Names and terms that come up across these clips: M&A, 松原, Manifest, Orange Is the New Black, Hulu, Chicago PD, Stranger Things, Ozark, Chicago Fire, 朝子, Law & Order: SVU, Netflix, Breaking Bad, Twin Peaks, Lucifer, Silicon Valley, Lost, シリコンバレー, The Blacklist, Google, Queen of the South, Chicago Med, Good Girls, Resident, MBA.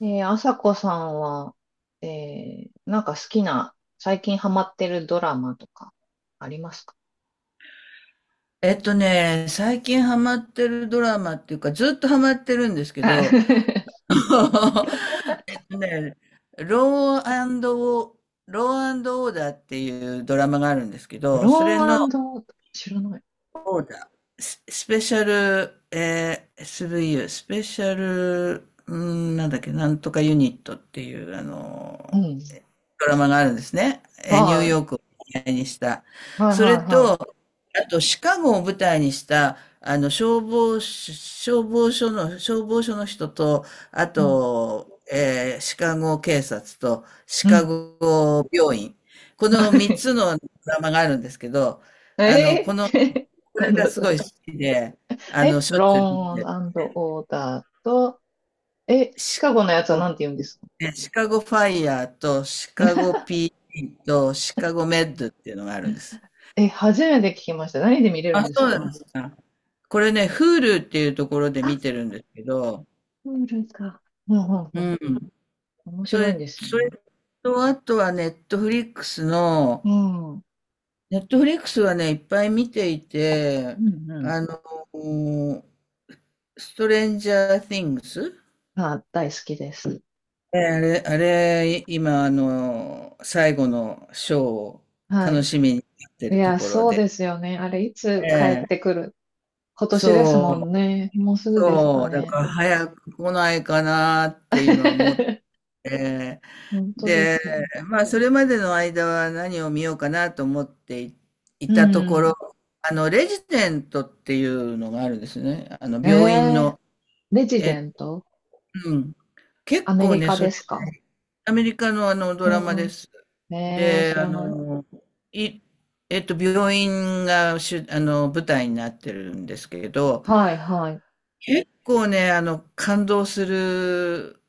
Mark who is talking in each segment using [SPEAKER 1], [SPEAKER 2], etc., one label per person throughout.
[SPEAKER 1] ねえー、朝子さんは、えなんか好きな、最近ハマってるドラマとか、ありますか？
[SPEAKER 2] 最近ハマってるドラマっていうか、ずっとハマってるんですけ
[SPEAKER 1] あ
[SPEAKER 2] ど、えっとね、ローアンドオー、ローアンドオーダーっていうドラマがあるんですけ ど、
[SPEAKER 1] ロ
[SPEAKER 2] それの
[SPEAKER 1] ーン知らない。
[SPEAKER 2] スペシャル、v スブイユースペシャル、うん、なんだっけ、なんとかユニットっていう、あ
[SPEAKER 1] う
[SPEAKER 2] の、
[SPEAKER 1] ん。
[SPEAKER 2] ドラマがあるんですね。ニュー
[SPEAKER 1] は
[SPEAKER 2] ヨークを舞台にした。
[SPEAKER 1] い。はいは
[SPEAKER 2] それ
[SPEAKER 1] い
[SPEAKER 2] と、
[SPEAKER 1] は
[SPEAKER 2] あと、シカゴを舞台にした、あの、消防署の人と、あ
[SPEAKER 1] い。うん。
[SPEAKER 2] と、シカゴ警察と、シ
[SPEAKER 1] う
[SPEAKER 2] カ
[SPEAKER 1] ん。
[SPEAKER 2] ゴ病院。この三 つのドラマがあるんですけど、あの、
[SPEAKER 1] えー、
[SPEAKER 2] こ
[SPEAKER 1] な
[SPEAKER 2] れ
[SPEAKER 1] ん
[SPEAKER 2] が
[SPEAKER 1] だ
[SPEAKER 2] す
[SPEAKER 1] そ
[SPEAKER 2] ごい
[SPEAKER 1] れ。
[SPEAKER 2] 好きで、あの、
[SPEAKER 1] え、
[SPEAKER 2] しょ
[SPEAKER 1] ロ
[SPEAKER 2] っ
[SPEAKER 1] ー
[SPEAKER 2] ちゅう見てる。
[SPEAKER 1] ンオーダーと、え、シ
[SPEAKER 2] シカ
[SPEAKER 1] カゴのやつはなん
[SPEAKER 2] ゴ、
[SPEAKER 1] て言うんですか？
[SPEAKER 2] ねシカゴファイヤーと、シカゴ p ーディーと、シカゴメッドっていうのがあるんです。
[SPEAKER 1] え、初めて聞きました。何で見れる
[SPEAKER 2] あ、
[SPEAKER 1] ん
[SPEAKER 2] そ
[SPEAKER 1] です
[SPEAKER 2] うなん
[SPEAKER 1] か？
[SPEAKER 2] ですか。これね、Hulu っていうところで
[SPEAKER 1] あ、
[SPEAKER 2] 見てるんですけど、
[SPEAKER 1] プールか。うんうんう
[SPEAKER 2] う
[SPEAKER 1] ん。
[SPEAKER 2] ん。
[SPEAKER 1] 面白いんです
[SPEAKER 2] そ
[SPEAKER 1] ね。
[SPEAKER 2] れと、あとはネットフリックスの、
[SPEAKER 1] うん。
[SPEAKER 2] ネットフリックスはね、いっぱい見ていて、
[SPEAKER 1] うんうん。
[SPEAKER 2] あの、ストレンジャー・ティングス
[SPEAKER 1] あ、大好きです。
[SPEAKER 2] えあれ、あれ、今、あの、最後のショーを
[SPEAKER 1] は
[SPEAKER 2] 楽
[SPEAKER 1] い。
[SPEAKER 2] しみにやって
[SPEAKER 1] い
[SPEAKER 2] ると
[SPEAKER 1] や、
[SPEAKER 2] ころ
[SPEAKER 1] そう
[SPEAKER 2] で。
[SPEAKER 1] ですよね。あれ、いつ帰
[SPEAKER 2] え
[SPEAKER 1] って
[SPEAKER 2] え、
[SPEAKER 1] くる？今年です
[SPEAKER 2] そ
[SPEAKER 1] もん
[SPEAKER 2] う、
[SPEAKER 1] ね。もうすぐですか
[SPEAKER 2] そう、だ
[SPEAKER 1] ね。
[SPEAKER 2] から早く来ないかなって今思って、
[SPEAKER 1] 本当で
[SPEAKER 2] で、
[SPEAKER 1] すよ。
[SPEAKER 2] まあ、それまでの間は何を見ようかなと思ってい、い
[SPEAKER 1] う
[SPEAKER 2] たとこ
[SPEAKER 1] ん。
[SPEAKER 2] ろ、あの、レジデントっていうのがあるんですね。あの、病院
[SPEAKER 1] えー、
[SPEAKER 2] の。
[SPEAKER 1] レジデ
[SPEAKER 2] え、
[SPEAKER 1] ント？
[SPEAKER 2] うん。結
[SPEAKER 1] アメ
[SPEAKER 2] 構
[SPEAKER 1] リ
[SPEAKER 2] ね、
[SPEAKER 1] カですか？
[SPEAKER 2] アメリカのあのドラマ
[SPEAKER 1] う
[SPEAKER 2] です。
[SPEAKER 1] ん。えー、
[SPEAKER 2] で、
[SPEAKER 1] 知
[SPEAKER 2] あ
[SPEAKER 1] らない。
[SPEAKER 2] の、い、病院が主、あの、舞台になってるんですけど、
[SPEAKER 1] はい、はい。
[SPEAKER 2] 結構ね、あの、感動する、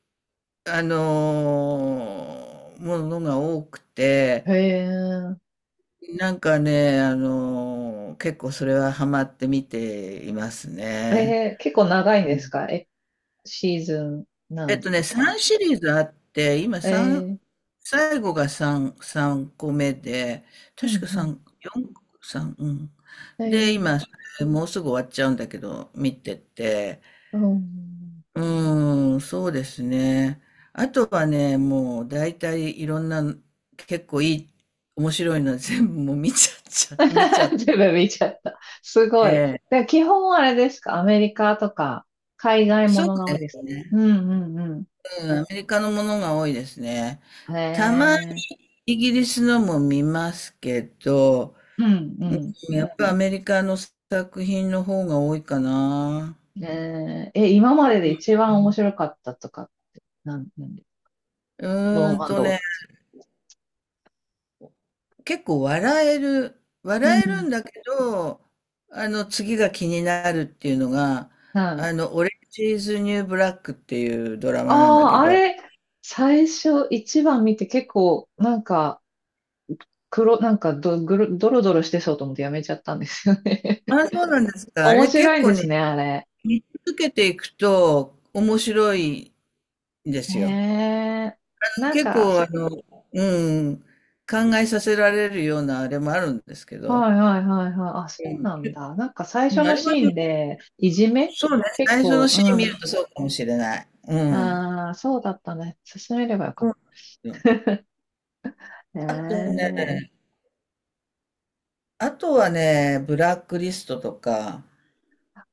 [SPEAKER 2] あの、ものが多くて、
[SPEAKER 1] ええ、え
[SPEAKER 2] なんかね、結構それはハマって見ていますね。
[SPEAKER 1] ー、結構長いん
[SPEAKER 2] う
[SPEAKER 1] です
[SPEAKER 2] ん、
[SPEAKER 1] か？え、シーズンなんとか。
[SPEAKER 2] 3シリーズあって、今
[SPEAKER 1] え
[SPEAKER 2] 3、
[SPEAKER 1] ー、
[SPEAKER 2] 最後が3、三個目で、
[SPEAKER 1] う
[SPEAKER 2] 確
[SPEAKER 1] ん、
[SPEAKER 2] か
[SPEAKER 1] うん。
[SPEAKER 2] 三4、三うん。で、
[SPEAKER 1] え
[SPEAKER 2] 今、
[SPEAKER 1] え、
[SPEAKER 2] それもうすぐ終わっちゃうんだけど、見てて、
[SPEAKER 1] うん。
[SPEAKER 2] うーん、そうですね。あとはね、もう大体いろんな、結構いい、面白いのは全部もう見ちゃ って。
[SPEAKER 1] 全部見ちゃった。すごい。
[SPEAKER 2] ええ、
[SPEAKER 1] で、基本あれですか、アメリカとか、海外も
[SPEAKER 2] そう
[SPEAKER 1] のが多
[SPEAKER 2] で
[SPEAKER 1] い
[SPEAKER 2] す
[SPEAKER 1] ですか？う
[SPEAKER 2] ね。
[SPEAKER 1] んうんう
[SPEAKER 2] うん、アメリカのものが多いですね。
[SPEAKER 1] ん。へ
[SPEAKER 2] たまに
[SPEAKER 1] え。
[SPEAKER 2] イギリスのも見ますけど、
[SPEAKER 1] うんう
[SPEAKER 2] やっぱアメリカの作品の方が多いかな。
[SPEAKER 1] ん。えー、え、今までで一番面白かったとか、なんで、
[SPEAKER 2] う
[SPEAKER 1] ロ
[SPEAKER 2] ーん
[SPEAKER 1] ーン
[SPEAKER 2] と
[SPEAKER 1] ドー
[SPEAKER 2] ね、
[SPEAKER 1] と、
[SPEAKER 2] 結構
[SPEAKER 1] う
[SPEAKER 2] 笑える
[SPEAKER 1] ん。
[SPEAKER 2] んだけど、あの、次が気になるっていうのが、
[SPEAKER 1] はい。
[SPEAKER 2] あの、オレンジーズ・ニュー・ブラックっていうドラマなんだ
[SPEAKER 1] あ
[SPEAKER 2] け
[SPEAKER 1] あ、あ
[SPEAKER 2] ど、
[SPEAKER 1] れ、最初一番見て結構、なんか、黒、なんかど、ぐる、ドロドロしてそうと思ってやめちゃったんですよね。
[SPEAKER 2] あ、そうなんですか。あ
[SPEAKER 1] 面
[SPEAKER 2] れ
[SPEAKER 1] 白
[SPEAKER 2] 結
[SPEAKER 1] いん
[SPEAKER 2] 構
[SPEAKER 1] ですね、
[SPEAKER 2] ね、
[SPEAKER 1] あれ。
[SPEAKER 2] 見続けていくと面白いんで
[SPEAKER 1] へ
[SPEAKER 2] すよ。
[SPEAKER 1] え。なん
[SPEAKER 2] 結
[SPEAKER 1] か、
[SPEAKER 2] 構、あの、うん、考えさせられるようなあれもあるんですけど、
[SPEAKER 1] はいはいはいはい。あ、そうなんだ。なんか最
[SPEAKER 2] う
[SPEAKER 1] 初
[SPEAKER 2] ん、あ
[SPEAKER 1] の
[SPEAKER 2] れは
[SPEAKER 1] シ
[SPEAKER 2] ね、
[SPEAKER 1] ーンで、いじめ
[SPEAKER 2] そうね、
[SPEAKER 1] 結
[SPEAKER 2] 最初の
[SPEAKER 1] 構、
[SPEAKER 2] シ
[SPEAKER 1] う
[SPEAKER 2] ーン見
[SPEAKER 1] ん。
[SPEAKER 2] るとそうかもしれない。うん。
[SPEAKER 1] ああ、そうだったね。進めればよか
[SPEAKER 2] そう
[SPEAKER 1] っ
[SPEAKER 2] なんですよ。
[SPEAKER 1] た
[SPEAKER 2] あと
[SPEAKER 1] ね。
[SPEAKER 2] ね、あとはね、ブラックリストとか、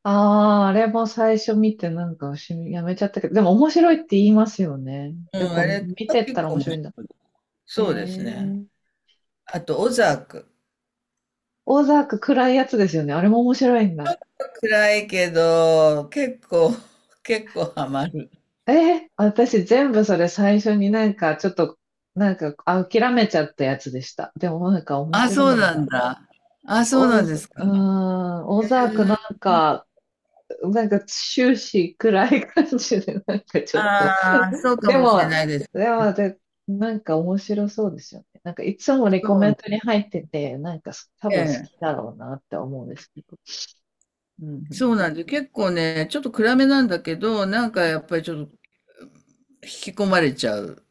[SPEAKER 1] ああ、あれも最初見てなんかしやめちゃったけど、でも面白いって言いますよね。
[SPEAKER 2] う
[SPEAKER 1] やっ
[SPEAKER 2] ん、
[SPEAKER 1] ぱ
[SPEAKER 2] あれ
[SPEAKER 1] 見
[SPEAKER 2] は
[SPEAKER 1] てっ
[SPEAKER 2] 結
[SPEAKER 1] たら
[SPEAKER 2] 構
[SPEAKER 1] 面
[SPEAKER 2] 面
[SPEAKER 1] 白いんだ。
[SPEAKER 2] 白い。
[SPEAKER 1] へ
[SPEAKER 2] そうですね。
[SPEAKER 1] え。
[SPEAKER 2] あと、オザーク。
[SPEAKER 1] オザーク暗いやつですよね。あれも面白いんだ。
[SPEAKER 2] 暗いけど、結構、結構ハマる。
[SPEAKER 1] えー、私全部それ最初になんかちょっと、なんかあ諦めちゃったやつでした。でもなんか面
[SPEAKER 2] あ、
[SPEAKER 1] 白
[SPEAKER 2] そう
[SPEAKER 1] いん
[SPEAKER 2] なん
[SPEAKER 1] だ。
[SPEAKER 2] だ。あ、そうなんですか。
[SPEAKER 1] オザークなんか、なんか終始暗い感じで、なんかちょっと、
[SPEAKER 2] ああー、そう か
[SPEAKER 1] で
[SPEAKER 2] もしれ
[SPEAKER 1] も、
[SPEAKER 2] ないです。
[SPEAKER 1] でもで、なんか面白そうですよね。なんかいつもレ
[SPEAKER 2] そ
[SPEAKER 1] コメ
[SPEAKER 2] う
[SPEAKER 1] ン
[SPEAKER 2] ね、
[SPEAKER 1] トに入ってて、なんか多
[SPEAKER 2] え
[SPEAKER 1] 分好
[SPEAKER 2] え、
[SPEAKER 1] きだろうなって思うんですけど。うんうん、
[SPEAKER 2] そうなんです。結構ね、ちょっと暗めなんだけど、なんかやっぱりちょっと引き込まれちゃう。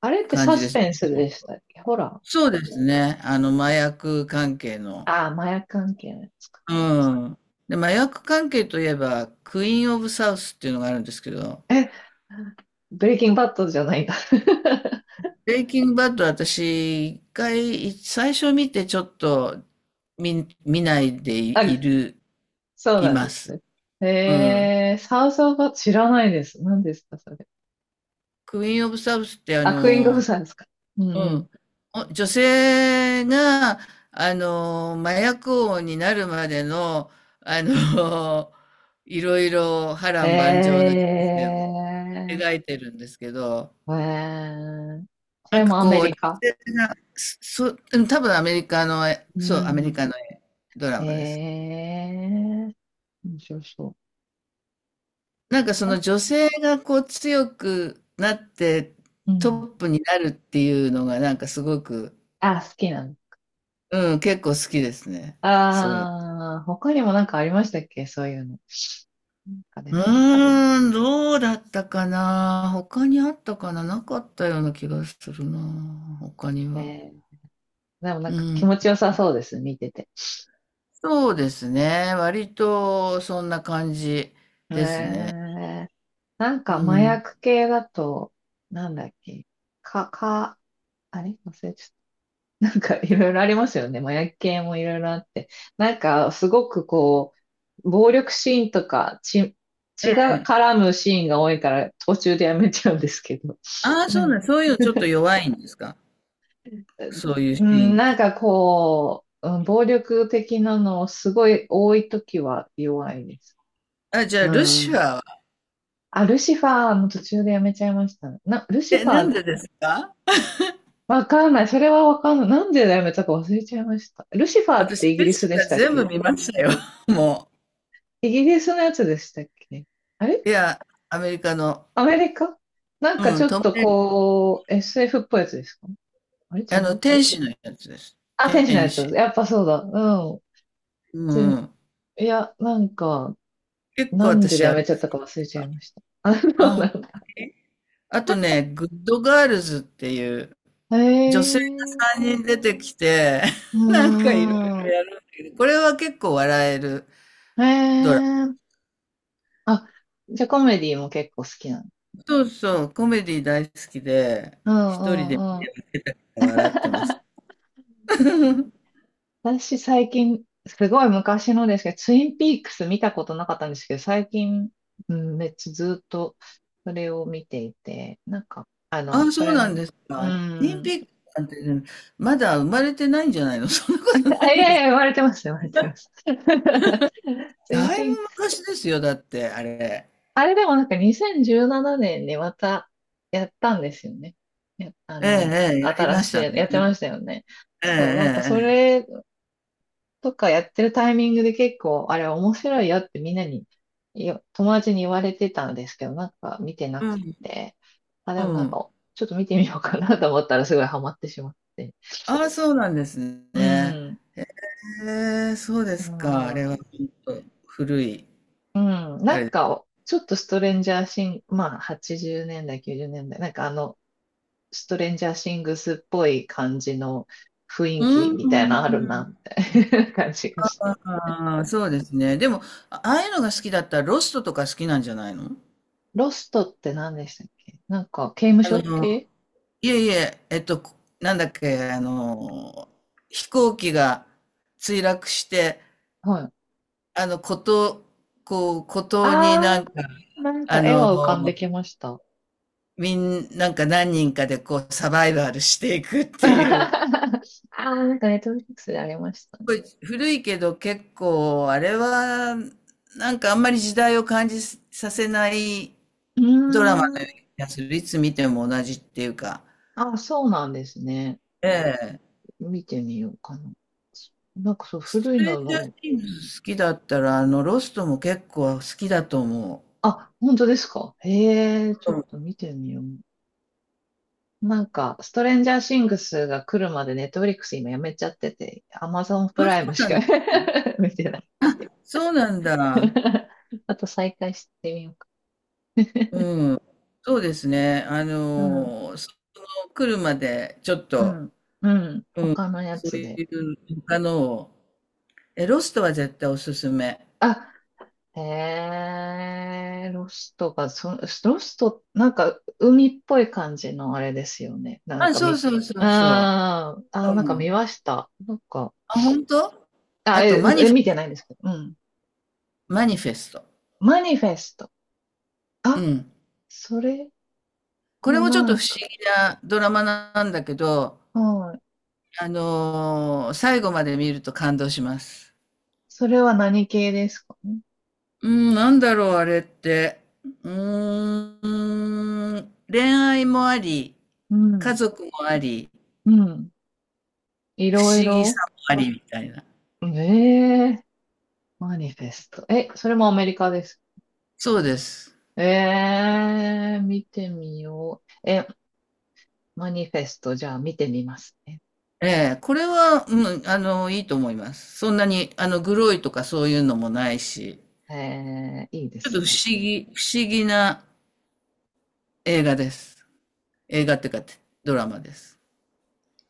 [SPEAKER 1] あれってサスペンスでしたっけ、ほら。
[SPEAKER 2] そうですね。あの、麻薬関係の。
[SPEAKER 1] ああ、麻薬関係のやつか。
[SPEAKER 2] うん。で、麻薬関係といえば、クイーン・オブ・サウスっていうのがあるんですけど、
[SPEAKER 1] え、ブレイキングバッドじゃないんだ。
[SPEAKER 2] ブレイキングバッド私、一回、最初見てちょっと見ないで
[SPEAKER 1] あ、そう
[SPEAKER 2] い
[SPEAKER 1] なんで
[SPEAKER 2] ま
[SPEAKER 1] す
[SPEAKER 2] す。
[SPEAKER 1] ね。
[SPEAKER 2] うん。
[SPEAKER 1] えー、サウスオブバッド知らないです。何ですか、それ。
[SPEAKER 2] クイーン・オブ・サウスってあ
[SPEAKER 1] あ、クイーン・ゴブ
[SPEAKER 2] の、
[SPEAKER 1] さんですか。う
[SPEAKER 2] う
[SPEAKER 1] ん
[SPEAKER 2] ん。女性が、あの、麻薬王になるまでの、あの、いろいろ波
[SPEAKER 1] うん。
[SPEAKER 2] 乱万丈な人生を
[SPEAKER 1] え
[SPEAKER 2] 描いてるんですけど、
[SPEAKER 1] ー、えー、そ
[SPEAKER 2] な
[SPEAKER 1] れ
[SPEAKER 2] んか
[SPEAKER 1] もアメ
[SPEAKER 2] こう、
[SPEAKER 1] リ
[SPEAKER 2] 女
[SPEAKER 1] カ。
[SPEAKER 2] 性が、うん、多分アメリカの、
[SPEAKER 1] う
[SPEAKER 2] そう、アメリ
[SPEAKER 1] ん。
[SPEAKER 2] カのドラマです。
[SPEAKER 1] えー、面白そう。
[SPEAKER 2] なんかそ
[SPEAKER 1] あ、
[SPEAKER 2] の女性がこう強くなって
[SPEAKER 1] う
[SPEAKER 2] ト
[SPEAKER 1] ん。
[SPEAKER 2] ップになるっていうのがなんかすごく、
[SPEAKER 1] あ、好きなの。
[SPEAKER 2] うん、結構好きですね。そういう。
[SPEAKER 1] あー、他にもなんかありましたっけ、そういうの。なんかで
[SPEAKER 2] う
[SPEAKER 1] も、
[SPEAKER 2] ーん、どうだったかな。他にあったかな。なかったような気がするな。他に
[SPEAKER 1] え
[SPEAKER 2] は。
[SPEAKER 1] ー、でもなん
[SPEAKER 2] う
[SPEAKER 1] か気
[SPEAKER 2] ん。
[SPEAKER 1] 持ちよさそうです、見てて。
[SPEAKER 2] そうですね。割とそんな感じ
[SPEAKER 1] え
[SPEAKER 2] ですね。
[SPEAKER 1] ー、なんか
[SPEAKER 2] う
[SPEAKER 1] 麻
[SPEAKER 2] ん。
[SPEAKER 1] 薬系だと、なんだっけ、か、か、あれ忘れちゃった。なんかいろいろありますよね。麻薬系もいろいろあって。なんかすごくこう、暴力シーンとか血、
[SPEAKER 2] え
[SPEAKER 1] 血が
[SPEAKER 2] え。
[SPEAKER 1] 絡むシーンが多いから途中でやめちゃうんですけど。
[SPEAKER 2] ああ、そう
[SPEAKER 1] 何
[SPEAKER 2] ね。そういうのちょっと 弱いんですか。そういう
[SPEAKER 1] う
[SPEAKER 2] シー
[SPEAKER 1] ん、
[SPEAKER 2] ンっ
[SPEAKER 1] な
[SPEAKER 2] て。
[SPEAKER 1] んかこう、うん、暴力的なのすごい多いときは弱いです。
[SPEAKER 2] あ、じゃあ、
[SPEAKER 1] う
[SPEAKER 2] ルシ
[SPEAKER 1] ん。
[SPEAKER 2] ファーは。
[SPEAKER 1] あ、ルシファーの途中でやめちゃいましたね。な、ルシ
[SPEAKER 2] え、
[SPEAKER 1] ファ
[SPEAKER 2] なん
[SPEAKER 1] ー、
[SPEAKER 2] でですか？
[SPEAKER 1] わかんない。それはわかんない。なんでやめたか忘れちゃいました。ルシファーっ
[SPEAKER 2] 私、
[SPEAKER 1] てイギ
[SPEAKER 2] ル
[SPEAKER 1] リス
[SPEAKER 2] シ
[SPEAKER 1] で
[SPEAKER 2] ファ
[SPEAKER 1] し
[SPEAKER 2] ー
[SPEAKER 1] たっ
[SPEAKER 2] 全部
[SPEAKER 1] け？
[SPEAKER 2] 見ましたよ。も
[SPEAKER 1] イギリスのやつでしたっけ？あれ
[SPEAKER 2] う。いや、アメリカの、
[SPEAKER 1] アメリカ、なんか
[SPEAKER 2] う
[SPEAKER 1] ち
[SPEAKER 2] ん、
[SPEAKER 1] ょっ
[SPEAKER 2] トム、
[SPEAKER 1] とこう、SF っぽいやつですか？あれ違
[SPEAKER 2] あの、
[SPEAKER 1] う？
[SPEAKER 2] 天使のやつです。
[SPEAKER 1] あ、天使のや
[SPEAKER 2] 天
[SPEAKER 1] つ。
[SPEAKER 2] 使。
[SPEAKER 1] やっぱそうだ。うん。
[SPEAKER 2] うんう
[SPEAKER 1] 全
[SPEAKER 2] ん。
[SPEAKER 1] いや、なんか、
[SPEAKER 2] 結構
[SPEAKER 1] なんで
[SPEAKER 2] 私あ
[SPEAKER 1] や
[SPEAKER 2] れ。
[SPEAKER 1] めちゃったか忘れちゃいました。あ、そう
[SPEAKER 2] あ、ほん
[SPEAKER 1] な
[SPEAKER 2] と
[SPEAKER 1] んだ。
[SPEAKER 2] に。あとね、グッドガールズっていう
[SPEAKER 1] へ
[SPEAKER 2] 女性が
[SPEAKER 1] えー、
[SPEAKER 2] 3人出てきて、
[SPEAKER 1] う
[SPEAKER 2] なんかいろい
[SPEAKER 1] ー
[SPEAKER 2] ろ
[SPEAKER 1] ん。
[SPEAKER 2] やる。これは結構笑える
[SPEAKER 1] へえ
[SPEAKER 2] ドラ
[SPEAKER 1] ー、あ、じゃあコメディも結構好きなの。
[SPEAKER 2] マ。そうそう、コメディ大好きで、
[SPEAKER 1] うん
[SPEAKER 2] 一人
[SPEAKER 1] う
[SPEAKER 2] で
[SPEAKER 1] んうん。
[SPEAKER 2] 笑ってます。
[SPEAKER 1] 私最近、すごい昔のですけど、ツインピークス見たことなかったんですけど、最近、うん、めっちゃずっとそれを見ていて、なんか、
[SPEAKER 2] あ、
[SPEAKER 1] そ
[SPEAKER 2] そう
[SPEAKER 1] れ
[SPEAKER 2] なん
[SPEAKER 1] も、
[SPEAKER 2] です
[SPEAKER 1] う
[SPEAKER 2] か。オリン
[SPEAKER 1] ん、
[SPEAKER 2] ピックなんてね、まだ生まれてないんじゃないの？ そんなことな
[SPEAKER 1] あ、い
[SPEAKER 2] い
[SPEAKER 1] や
[SPEAKER 2] で
[SPEAKER 1] いや、
[SPEAKER 2] す。
[SPEAKER 1] 言われてます、言われてます。ツイン
[SPEAKER 2] だ
[SPEAKER 1] ピ
[SPEAKER 2] いぶ
[SPEAKER 1] ークス。
[SPEAKER 2] 昔ですよ、だって、あれ。
[SPEAKER 1] あれでもなんか2017年にまたやったんですよね。やあ
[SPEAKER 2] ええ、
[SPEAKER 1] の、
[SPEAKER 2] ええ、やり
[SPEAKER 1] 新
[SPEAKER 2] まし
[SPEAKER 1] しい
[SPEAKER 2] た
[SPEAKER 1] や、
[SPEAKER 2] ね。
[SPEAKER 1] やってましたよね。
[SPEAKER 2] ええ、
[SPEAKER 1] そう、なんかそ
[SPEAKER 2] ええ、
[SPEAKER 1] れとかやってるタイミングで結構、あれ面白いよってみんなに、友達に言われてたんですけど、なんか見てなく
[SPEAKER 2] ええ、
[SPEAKER 1] て、あ、
[SPEAKER 2] う
[SPEAKER 1] でも
[SPEAKER 2] ん、う
[SPEAKER 1] なん
[SPEAKER 2] ん。
[SPEAKER 1] か、ちょっと見てみようかなと思ったらすごいハマってしまって。
[SPEAKER 2] ああ、そうなんです
[SPEAKER 1] う
[SPEAKER 2] ね。
[SPEAKER 1] ん。
[SPEAKER 2] へえ、そうで
[SPEAKER 1] あ
[SPEAKER 2] すか。あれは
[SPEAKER 1] ー、
[SPEAKER 2] ほんと古い、
[SPEAKER 1] うん。
[SPEAKER 2] あ
[SPEAKER 1] なん
[SPEAKER 2] れ。
[SPEAKER 1] か、ちょっとストレンジャーシング、まあ、80年代、90年代、なんかあの、ストレンジャーシングスっぽい感じの雰
[SPEAKER 2] う
[SPEAKER 1] 囲
[SPEAKER 2] ん
[SPEAKER 1] 気み
[SPEAKER 2] う
[SPEAKER 1] たい
[SPEAKER 2] ん
[SPEAKER 1] なのあ
[SPEAKER 2] う
[SPEAKER 1] るな、
[SPEAKER 2] ん。
[SPEAKER 1] みたいな 感じがして。
[SPEAKER 2] ああ、そうですね。でも、あああいうのが好きだったらロストとか好きなんじゃないの？
[SPEAKER 1] ロストって何でしたっけ、なんか、刑務
[SPEAKER 2] あ
[SPEAKER 1] 所
[SPEAKER 2] の、
[SPEAKER 1] 系？
[SPEAKER 2] いえいえ、なんだっけ、あの、飛行機が墜落して、
[SPEAKER 1] はい、
[SPEAKER 2] あの、孤島、こう、孤島にな
[SPEAKER 1] あ
[SPEAKER 2] んか、
[SPEAKER 1] ー、なんか
[SPEAKER 2] あ
[SPEAKER 1] 絵
[SPEAKER 2] の、
[SPEAKER 1] は浮かんできました。
[SPEAKER 2] なんか何人かでこう、サバイバルしていくっ
[SPEAKER 1] あ
[SPEAKER 2] ていう。
[SPEAKER 1] あ、なんかネットフリックスでありましたね。
[SPEAKER 2] ごい古いけど結構あれはなんかあんまり時代を感じさせない
[SPEAKER 1] うー
[SPEAKER 2] ドラマのような
[SPEAKER 1] ん。
[SPEAKER 2] 気がする。いつ見ても同じっていうか。
[SPEAKER 1] あ、そうなんですね。
[SPEAKER 2] ええ。
[SPEAKER 1] 見てみようかな。そなんかそう、
[SPEAKER 2] ス
[SPEAKER 1] 古い
[SPEAKER 2] トレ
[SPEAKER 1] の
[SPEAKER 2] ンジャー
[SPEAKER 1] の、
[SPEAKER 2] シングス好きだったらあのロストも結構好きだと思
[SPEAKER 1] あ、本当ですか。へえ、ちょっ
[SPEAKER 2] う。
[SPEAKER 1] と見てみよう。なんか、ストレンジャーシングスが来るまでネットフリックス今やめちゃってて、アマゾン
[SPEAKER 2] う
[SPEAKER 1] プ
[SPEAKER 2] ん、あ、そ
[SPEAKER 1] ライム
[SPEAKER 2] う
[SPEAKER 1] し
[SPEAKER 2] なん
[SPEAKER 1] か
[SPEAKER 2] だ。
[SPEAKER 1] 見てないんですけ
[SPEAKER 2] そうなん
[SPEAKER 1] ど。
[SPEAKER 2] だ。
[SPEAKER 1] あと再開してみようか。
[SPEAKER 2] うん。そうですね。あ
[SPEAKER 1] うん、
[SPEAKER 2] の、その来るまでちょっ
[SPEAKER 1] う
[SPEAKER 2] と、
[SPEAKER 1] ん、うん。
[SPEAKER 2] うん、
[SPEAKER 1] 他のや
[SPEAKER 2] そう
[SPEAKER 1] つで。
[SPEAKER 2] いう他のを。え、ロストは絶対おすすめ。
[SPEAKER 1] あ、へえ、ロストが、そ、ロスト、なんか、海っぽい感じのあれですよね。なん
[SPEAKER 2] あ、
[SPEAKER 1] か
[SPEAKER 2] そう
[SPEAKER 1] み、
[SPEAKER 2] そうそうそ
[SPEAKER 1] あーあー、なん
[SPEAKER 2] う。
[SPEAKER 1] か
[SPEAKER 2] うん。
[SPEAKER 1] 見ました。なんか、
[SPEAKER 2] あ、本当。
[SPEAKER 1] あ、
[SPEAKER 2] あと、
[SPEAKER 1] え、え見てないんですけど、うん。
[SPEAKER 2] マニフェスト。
[SPEAKER 1] マニフェスト。
[SPEAKER 2] う
[SPEAKER 1] あ、
[SPEAKER 2] ん。
[SPEAKER 1] それ
[SPEAKER 2] これ
[SPEAKER 1] も
[SPEAKER 2] もちょっ
[SPEAKER 1] な
[SPEAKER 2] と
[SPEAKER 1] ん
[SPEAKER 2] 不
[SPEAKER 1] か、
[SPEAKER 2] 思議なドラマなんだけど、
[SPEAKER 1] はい。
[SPEAKER 2] 最後まで見ると感動します。
[SPEAKER 1] それは何系ですかね。
[SPEAKER 2] うん、なんだろう、あれって。うーん、恋愛もあり、
[SPEAKER 1] う
[SPEAKER 2] 家
[SPEAKER 1] ん、
[SPEAKER 2] 族もあり、
[SPEAKER 1] うん。い
[SPEAKER 2] 不
[SPEAKER 1] ろい
[SPEAKER 2] 思議さ
[SPEAKER 1] ろ。
[SPEAKER 2] もありみたいな。
[SPEAKER 1] ええ、マニフェスト。え、それもアメリカです。
[SPEAKER 2] そうです。
[SPEAKER 1] ええ、見てみよう。え、マニフェスト、じゃあ見てみますね。
[SPEAKER 2] ええ、これは、うん、あの、いいと思います。そんなに、あの、グロいとかそういうのもないし。
[SPEAKER 1] えー、いいで
[SPEAKER 2] ちょっと
[SPEAKER 1] すね。
[SPEAKER 2] 不思議な映画です。映画っていうか、ドラマです。